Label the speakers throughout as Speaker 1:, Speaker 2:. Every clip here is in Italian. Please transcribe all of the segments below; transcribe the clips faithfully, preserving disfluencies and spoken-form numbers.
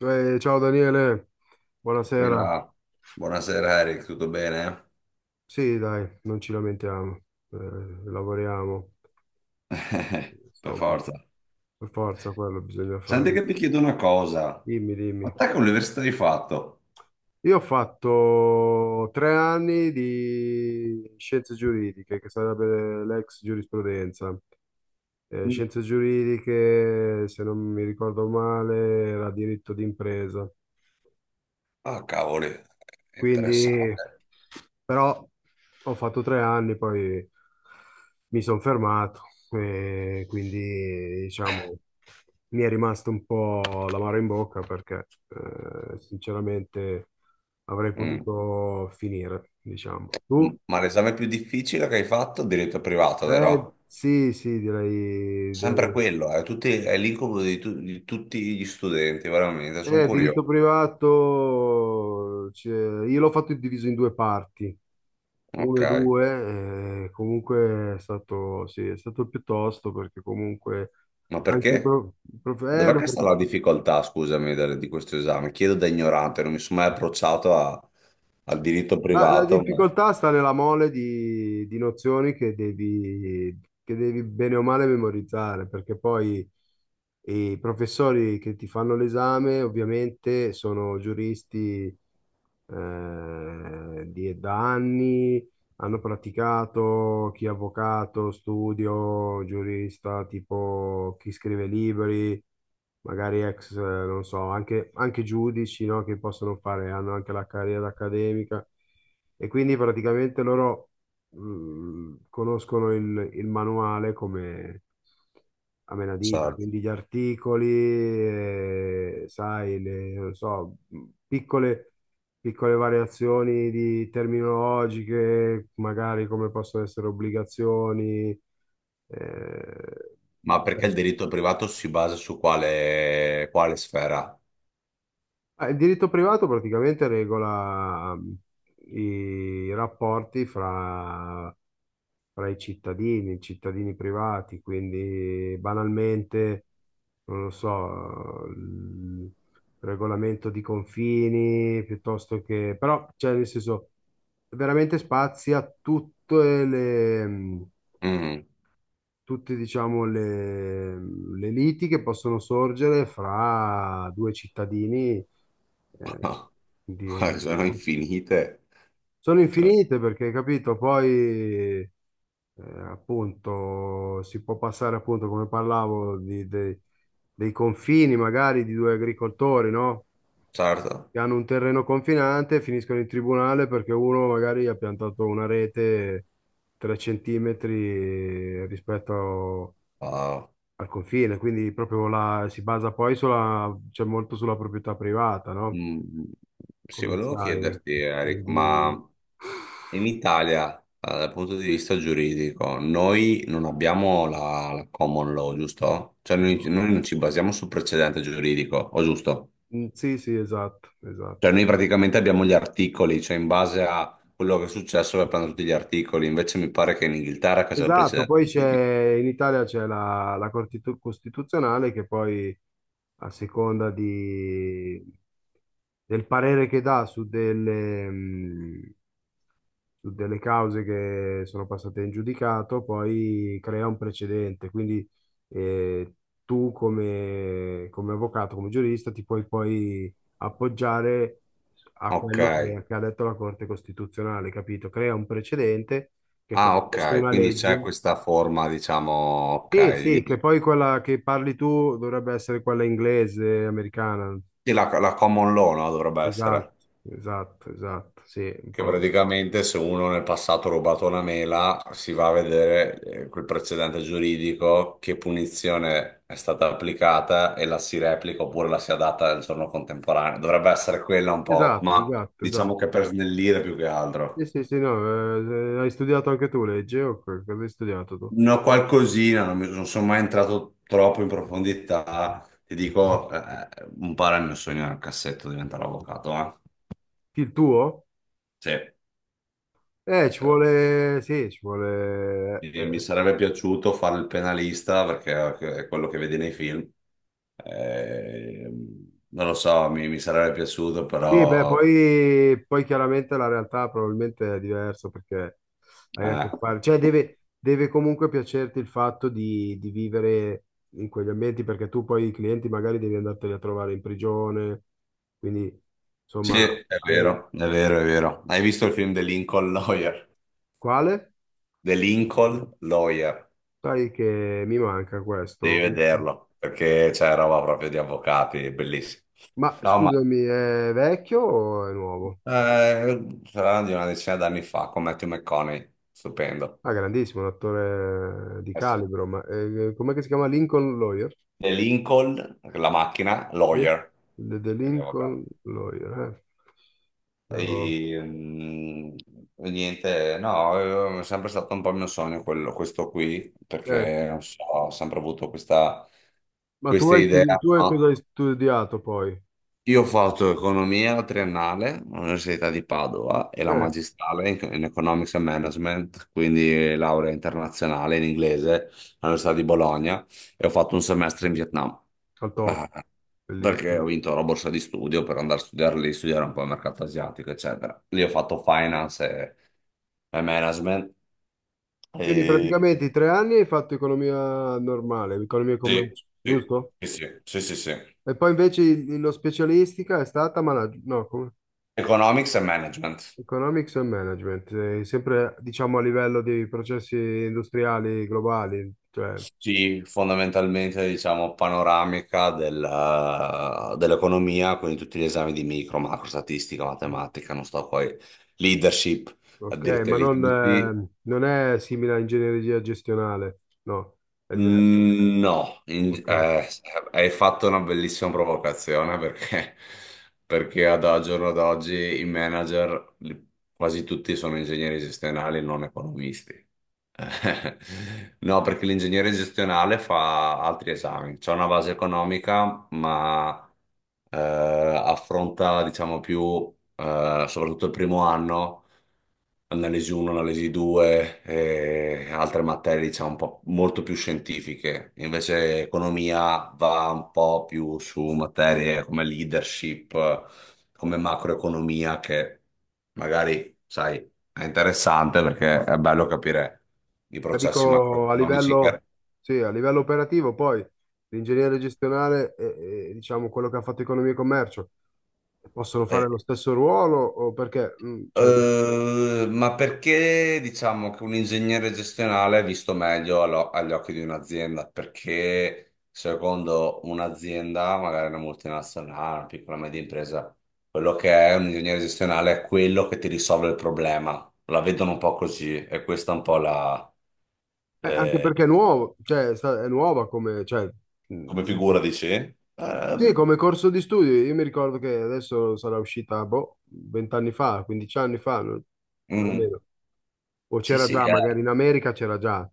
Speaker 1: Eh, ciao Daniele, buonasera.
Speaker 2: Quella- Buonasera Eric, tutto bene?
Speaker 1: Sì, dai, non ci lamentiamo, eh, lavoriamo,
Speaker 2: Eh, per
Speaker 1: insomma,
Speaker 2: forza.
Speaker 1: per forza quello bisogna
Speaker 2: Senti
Speaker 1: fare.
Speaker 2: che ti chiedo una cosa.
Speaker 1: Dimmi,
Speaker 2: Ma
Speaker 1: dimmi.
Speaker 2: te che università hai fatto?
Speaker 1: Io ho fatto tre anni di scienze giuridiche, che sarebbe l'ex giurisprudenza. Eh,
Speaker 2: Mm.
Speaker 1: scienze giuridiche, se non mi ricordo male, era diritto d'impresa.
Speaker 2: Ah, cavoli, è
Speaker 1: Quindi,
Speaker 2: interessante.
Speaker 1: però ho fatto tre anni, poi mi sono fermato e quindi, diciamo, mi è rimasto un po' l'amaro in bocca perché, eh, sinceramente, avrei
Speaker 2: Mm.
Speaker 1: potuto finire, diciamo. Tu?
Speaker 2: M- Ma l'esame più difficile che hai fatto è diritto privato,
Speaker 1: Eh,
Speaker 2: vero?
Speaker 1: sì, sì, direi,
Speaker 2: Sempre
Speaker 1: direi.
Speaker 2: quello, è, tutti, è l'incubo di, tu- di tutti gli studenti, veramente, sono
Speaker 1: Eh,
Speaker 2: curioso.
Speaker 1: diritto privato, cioè, io l'ho fatto diviso in due parti,
Speaker 2: Ok,
Speaker 1: uno due, eh, comunque è stato, sì, è stato piuttosto perché comunque
Speaker 2: ma
Speaker 1: anche i
Speaker 2: perché?
Speaker 1: pro- prof- eh,
Speaker 2: Dov'è
Speaker 1: ma
Speaker 2: che
Speaker 1: per-
Speaker 2: sta la difficoltà, scusami, del- di questo esame? Chiedo da ignorante, non mi sono mai approcciato a- al diritto
Speaker 1: ma la
Speaker 2: privato.
Speaker 1: difficoltà sta nella mole di, di nozioni che devi, che devi bene o male memorizzare, perché poi i professori che ti fanno l'esame ovviamente sono giuristi, eh, di- da anni hanno praticato, chi è avvocato, studio, giurista, tipo chi scrive libri, magari ex, eh, non so, anche, anche giudici, no, che possono fare, hanno anche la carriera accademica, e quindi praticamente loro mh, conoscono il, il manuale come a menadito,
Speaker 2: Certo.
Speaker 1: quindi gli articoli, eh, sai, le, non so, mh, piccole piccole variazioni di terminologiche, magari come possono essere obbligazioni.
Speaker 2: Ma
Speaker 1: eh.
Speaker 2: perché il diritto privato si basa su quale, quale sfera?
Speaker 1: Ah, Il diritto privato praticamente regola mh, i rapporti fra, fra i cittadini, i cittadini privati, quindi banalmente non lo so, il regolamento di confini, piuttosto che, però, cioè, nel senso, veramente spazia tutte le,
Speaker 2: Mm.
Speaker 1: tutte, diciamo, le, le liti che possono sorgere fra due cittadini, eh, di
Speaker 2: Sono
Speaker 1: un-
Speaker 2: infinite.
Speaker 1: Sono
Speaker 2: Cioè,
Speaker 1: infinite perché, capito, poi eh, appunto, si può passare appunto, come parlavo, di- dei dei confini magari di due agricoltori, no?
Speaker 2: certo.
Speaker 1: Che hanno un terreno confinante e finiscono in tribunale perché uno magari ha piantato una rete tre centimetri rispetto
Speaker 2: Ah,
Speaker 1: al confine, quindi proprio la, si basa poi sulla, cioè molto sulla proprietà privata, no?
Speaker 2: mm. Sì,
Speaker 1: Come
Speaker 2: volevo
Speaker 1: sai,
Speaker 2: chiederti, Eric, ma
Speaker 1: quindi.
Speaker 2: in Italia, eh, dal punto di vista giuridico, noi non abbiamo la, la common law, giusto? Cioè noi,
Speaker 1: No.
Speaker 2: noi non ci basiamo sul precedente giuridico, o giusto?
Speaker 1: Mm, sì, sì, esatto,
Speaker 2: Cioè
Speaker 1: esatto.
Speaker 2: noi praticamente abbiamo gli articoli, cioè in base a quello che è successo per prendere tutti gli articoli, invece mi pare che in Inghilterra che c'è il
Speaker 1: Esatto,
Speaker 2: precedente
Speaker 1: poi
Speaker 2: del P D.
Speaker 1: c'è in Italia c'è la, la Corte Costitu- Costituzionale che poi a seconda di- del parere che dà su delle, mh, su delle cause che sono passate in giudicato, poi crea un precedente. Quindi eh, tu come, come avvocato, come giurista, ti puoi poi appoggiare a
Speaker 2: Ok,
Speaker 1: quello che, che ha detto la Corte Costituzionale, capito? Crea un precedente che è come
Speaker 2: ah
Speaker 1: se fosse
Speaker 2: ok,
Speaker 1: una
Speaker 2: quindi c'è
Speaker 1: legge.
Speaker 2: questa forma, diciamo,
Speaker 1: Sì,
Speaker 2: ok,
Speaker 1: sì, che
Speaker 2: di-
Speaker 1: poi quella che parli tu dovrebbe essere quella inglese, americana.
Speaker 2: sì, la, la common law, no? Dovrebbe
Speaker 1: Esatto,
Speaker 2: essere.
Speaker 1: esatto, esatto, sì, un
Speaker 2: Che
Speaker 1: po'.
Speaker 2: praticamente se uno nel passato ha rubato una mela, si va a vedere eh, quel precedente giuridico, che punizione è stata applicata e la si replica oppure la si adatta al giorno contemporaneo. Dovrebbe essere quella un po',
Speaker 1: Esatto,
Speaker 2: ma
Speaker 1: esatto,
Speaker 2: diciamo
Speaker 1: esatto.
Speaker 2: che
Speaker 1: esatto.
Speaker 2: per snellire più che
Speaker 1: Sì,
Speaker 2: altro.
Speaker 1: sì, sì, no, eh, eh, hai studiato anche tu legge o co- cosa hai studiato tu?
Speaker 2: No, qualcosina, non, mi- non sono mai entrato troppo in profondità. Ti dico, eh, eh, un po' era il mio sogno nel cassetto diventare avvocato, eh?
Speaker 1: Il tuo?
Speaker 2: Sì,
Speaker 1: Eh,
Speaker 2: sì,
Speaker 1: ci
Speaker 2: sì.
Speaker 1: vuole, sì, ci vuole. eh,
Speaker 2: Mi mi
Speaker 1: eh,
Speaker 2: sarebbe piaciuto fare il penalista perché è quello che vedi nei film. Ehm, non lo so, mi, mi sarebbe piaciuto,
Speaker 1: Sì, beh,
Speaker 2: però...
Speaker 1: poi, poi chiaramente la realtà probabilmente è diversa perché hai a che
Speaker 2: Eh,
Speaker 1: fare, cioè deve, deve comunque piacerti il fatto di, di vivere in quegli ambienti perché tu poi i clienti magari devi andarteli a trovare in prigione, quindi
Speaker 2: sì,
Speaker 1: insomma.
Speaker 2: è
Speaker 1: hai...
Speaker 2: vero, è vero, è vero. Hai visto il film The Lincoln Lawyer?
Speaker 1: Quale?
Speaker 2: The Lincoln Lawyer,
Speaker 1: Sai che mi manca
Speaker 2: devi
Speaker 1: questo.
Speaker 2: vederlo, perché c'è roba proprio di avvocati, è bellissimo.
Speaker 1: Ma
Speaker 2: No, ma...
Speaker 1: scusami, è vecchio o è nuovo?
Speaker 2: Eh, sarà di una decina d'anni fa con Matthew McConaughey, stupendo.
Speaker 1: Ah, grandissimo, un attore di
Speaker 2: Eh sì.
Speaker 1: calibro, ma eh, com'è che si chiama? Lincoln Lawyer?
Speaker 2: E Lincoln, la macchina,
Speaker 1: Sì.
Speaker 2: lawyer,
Speaker 1: The, The
Speaker 2: quindi avvocato.
Speaker 1: Lincoln Lawyer. eh. Però-
Speaker 2: E, mm, e niente, no, è sempre stato un po' il mio sogno quello- questo qui,
Speaker 1: eh,
Speaker 2: perché non so, ho sempre avuto questa,
Speaker 1: Ma tu
Speaker 2: questa
Speaker 1: hai,
Speaker 2: idea.
Speaker 1: studi- tu hai cosa
Speaker 2: No?
Speaker 1: hai studiato poi?
Speaker 2: Io ho fatto economia triennale all'Università di Padova e la
Speaker 1: Eh,
Speaker 2: magistrale in, in Economics and Management, quindi laurea internazionale in inglese all'Università di Bologna e ho fatto un semestre in Vietnam.
Speaker 1: al top,
Speaker 2: Perché
Speaker 1: bellissimo.
Speaker 2: ho vinto la borsa di studio per andare a studiare lì, studiare un po' il mercato asiatico, eccetera. Lì ho fatto finance e, e management.
Speaker 1: Quindi
Speaker 2: E...
Speaker 1: praticamente i tre anni hai fatto economia normale, economia e
Speaker 2: Sì,
Speaker 1: commercio,
Speaker 2: sì,
Speaker 1: giusto?
Speaker 2: sì, sì, sì, sì, sì.
Speaker 1: E poi invece il- lo specialistica è stata manag- no, come-
Speaker 2: Economics e management.
Speaker 1: Economics and Management, eh, sempre diciamo a livello di processi industriali globali, cioè...
Speaker 2: Sì, fondamentalmente diciamo panoramica della- dell'economia, quindi tutti gli esami di micro, macro, statistica, matematica, non sto poi, leadership, a
Speaker 1: Ok, ma
Speaker 2: dirteli
Speaker 1: non,
Speaker 2: tutti.
Speaker 1: eh, non è simile a ingegneria gestionale, no, è diverso.
Speaker 2: Mm, no, In-
Speaker 1: Ok.
Speaker 2: eh, hai fatto una bellissima provocazione perché, perché ad al giorno d'oggi i manager li- quasi tutti sono ingegneri gestionali, non economisti. Eh, No, perché l'ingegnere gestionale fa altri esami. C'è una base economica, ma eh, affronta, diciamo, più eh, soprattutto il primo anno, analisi uno, analisi due e altre materie, diciamo, un po' molto più scientifiche. Invece economia va un po' più su materie come leadership, come macroeconomia, che magari, sai è interessante perché è bello capire i
Speaker 1: Ma
Speaker 2: processi
Speaker 1: dico a
Speaker 2: macroeconomici.
Speaker 1: livello,
Speaker 2: che-
Speaker 1: sì, a livello operativo, poi l'ingegnere gestionale e, e, diciamo quello che ha fatto economia e commercio possono fare lo
Speaker 2: eh,
Speaker 1: stesso ruolo o perché, mm, cioè, eh,
Speaker 2: eh, ma perché diciamo che un ingegnere gestionale è visto meglio allo- agli occhi di un'azienda? Perché secondo un'azienda, magari una multinazionale, una piccola media impresa, quello che è un ingegnere gestionale è quello che ti risolve il problema. La vedono un po' così e questa è un po' la...
Speaker 1: anche
Speaker 2: eh,
Speaker 1: perché è nuovo, cioè, è sta- è nuova come, cioè, mm,
Speaker 2: come
Speaker 1: dico.
Speaker 2: figura, dici?
Speaker 1: Sì,
Speaker 2: Ehm,
Speaker 1: come corso di studio, io mi ricordo che adesso sarà uscita, boh, venti anni fa, quindici anni fa, no?
Speaker 2: mm,
Speaker 1: Almeno. O
Speaker 2: sì,
Speaker 1: c'era
Speaker 2: sì,
Speaker 1: già, magari
Speaker 2: eh.
Speaker 1: in America c'era già.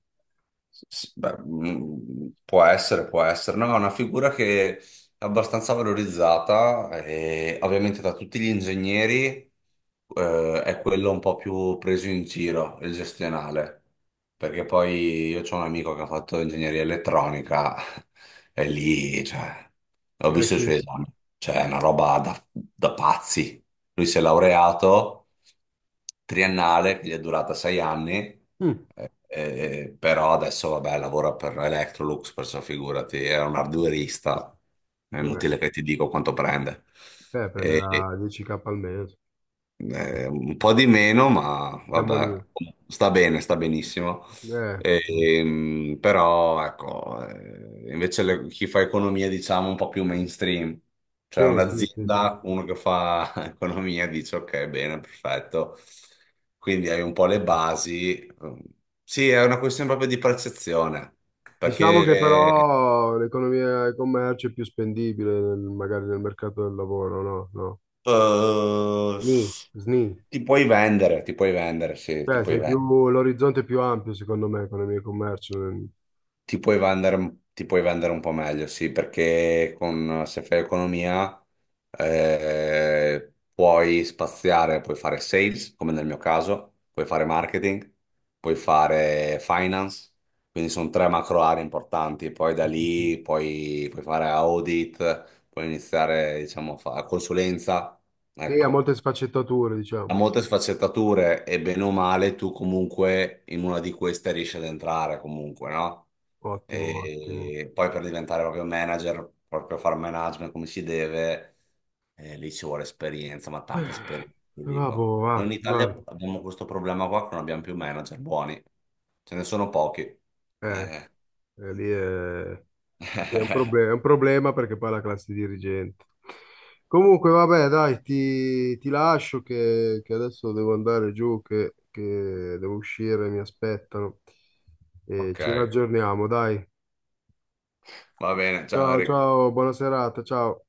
Speaker 2: S- Beh, mm, può essere, può essere. No, è una figura che è abbastanza valorizzata e ovviamente da tutti gli ingegneri eh, è quello un po' più preso in giro, il gestionale. Perché poi io ho un amico che ha fatto ingegneria elettronica e lì, cioè, ho
Speaker 1: Eh
Speaker 2: visto i suoi
Speaker 1: sì,
Speaker 2: esami. Cioè, è una roba da, da pazzi. Lui si è laureato triennale, che gli è durata sei anni
Speaker 1: mm.
Speaker 2: eh, però adesso, vabbè, lavora per Electrolux, perciò figurati, era un arduerista, è
Speaker 1: Vabbè,
Speaker 2: inutile che ti dico quanto prende.
Speaker 1: eh,
Speaker 2: E,
Speaker 1: prenderà dieci mila al mese.
Speaker 2: eh, un po' di meno, ma
Speaker 1: Siamo lì.
Speaker 2: vabbè, sta bene, sta benissimo.
Speaker 1: Eh, mm.
Speaker 2: Ehm, però ecco, eh, invece le- chi fa economia, diciamo, un po' più mainstream, cioè
Speaker 1: Sì, sì, sì, sì. Sì.
Speaker 2: un'azienda, uno che fa economia dice ok, bene, perfetto. Quindi hai un po' le basi. Sì, è una questione proprio di percezione,
Speaker 1: Diciamo che
Speaker 2: perché
Speaker 1: però l'economia e il commercio è più spendibile nel- magari nel mercato del lavoro, no? No.
Speaker 2: eh,
Speaker 1: Sni, sni.
Speaker 2: ti puoi vendere, ti puoi vendere, sì, ti
Speaker 1: Cioè,
Speaker 2: puoi
Speaker 1: sei più,
Speaker 2: vendere.
Speaker 1: l'orizzonte è più ampio, secondo me, economia e commercio.
Speaker 2: Ti puoi vendere, un- ti puoi vendere un po' meglio, sì, perché con- se fai economia eh, puoi spaziare, puoi fare sales, come nel mio caso, puoi fare marketing, puoi fare finance, quindi sono tre macro aree importanti, poi da
Speaker 1: Sì, sì, sì.
Speaker 2: lì puoi, puoi fare audit, puoi iniziare, diciamo, a fare consulenza,
Speaker 1: Sì, ha
Speaker 2: ecco
Speaker 1: molte sfaccettature,
Speaker 2: ha
Speaker 1: diciamo.
Speaker 2: molte sfaccettature e bene o male tu comunque in una di queste riesci ad entrare comunque, no?
Speaker 1: Ottimo, ottimo.
Speaker 2: E poi per diventare proprio manager, proprio fare management come si deve, eh, lì ci vuole esperienza, ma
Speaker 1: Eh,
Speaker 2: tanta esperienza, ti dico.
Speaker 1: Vabbò,
Speaker 2: Noi
Speaker 1: va,
Speaker 2: in
Speaker 1: guarda.
Speaker 2: Italia abbiamo questo problema qua che non abbiamo più manager buoni, ce ne sono pochi.
Speaker 1: Eh,
Speaker 2: Eh.
Speaker 1: eh, lì è... Sì, È un problema, è un problema perché poi è la classe dirigente. Comunque, vabbè, dai, ti, ti lascio che, che adesso devo andare giù, che, che devo uscire, mi aspettano. E
Speaker 2: Ok.
Speaker 1: ci raggiorniamo, dai.
Speaker 2: Va bene, ciao
Speaker 1: Ciao,
Speaker 2: Eric.
Speaker 1: ciao, buona serata, ciao.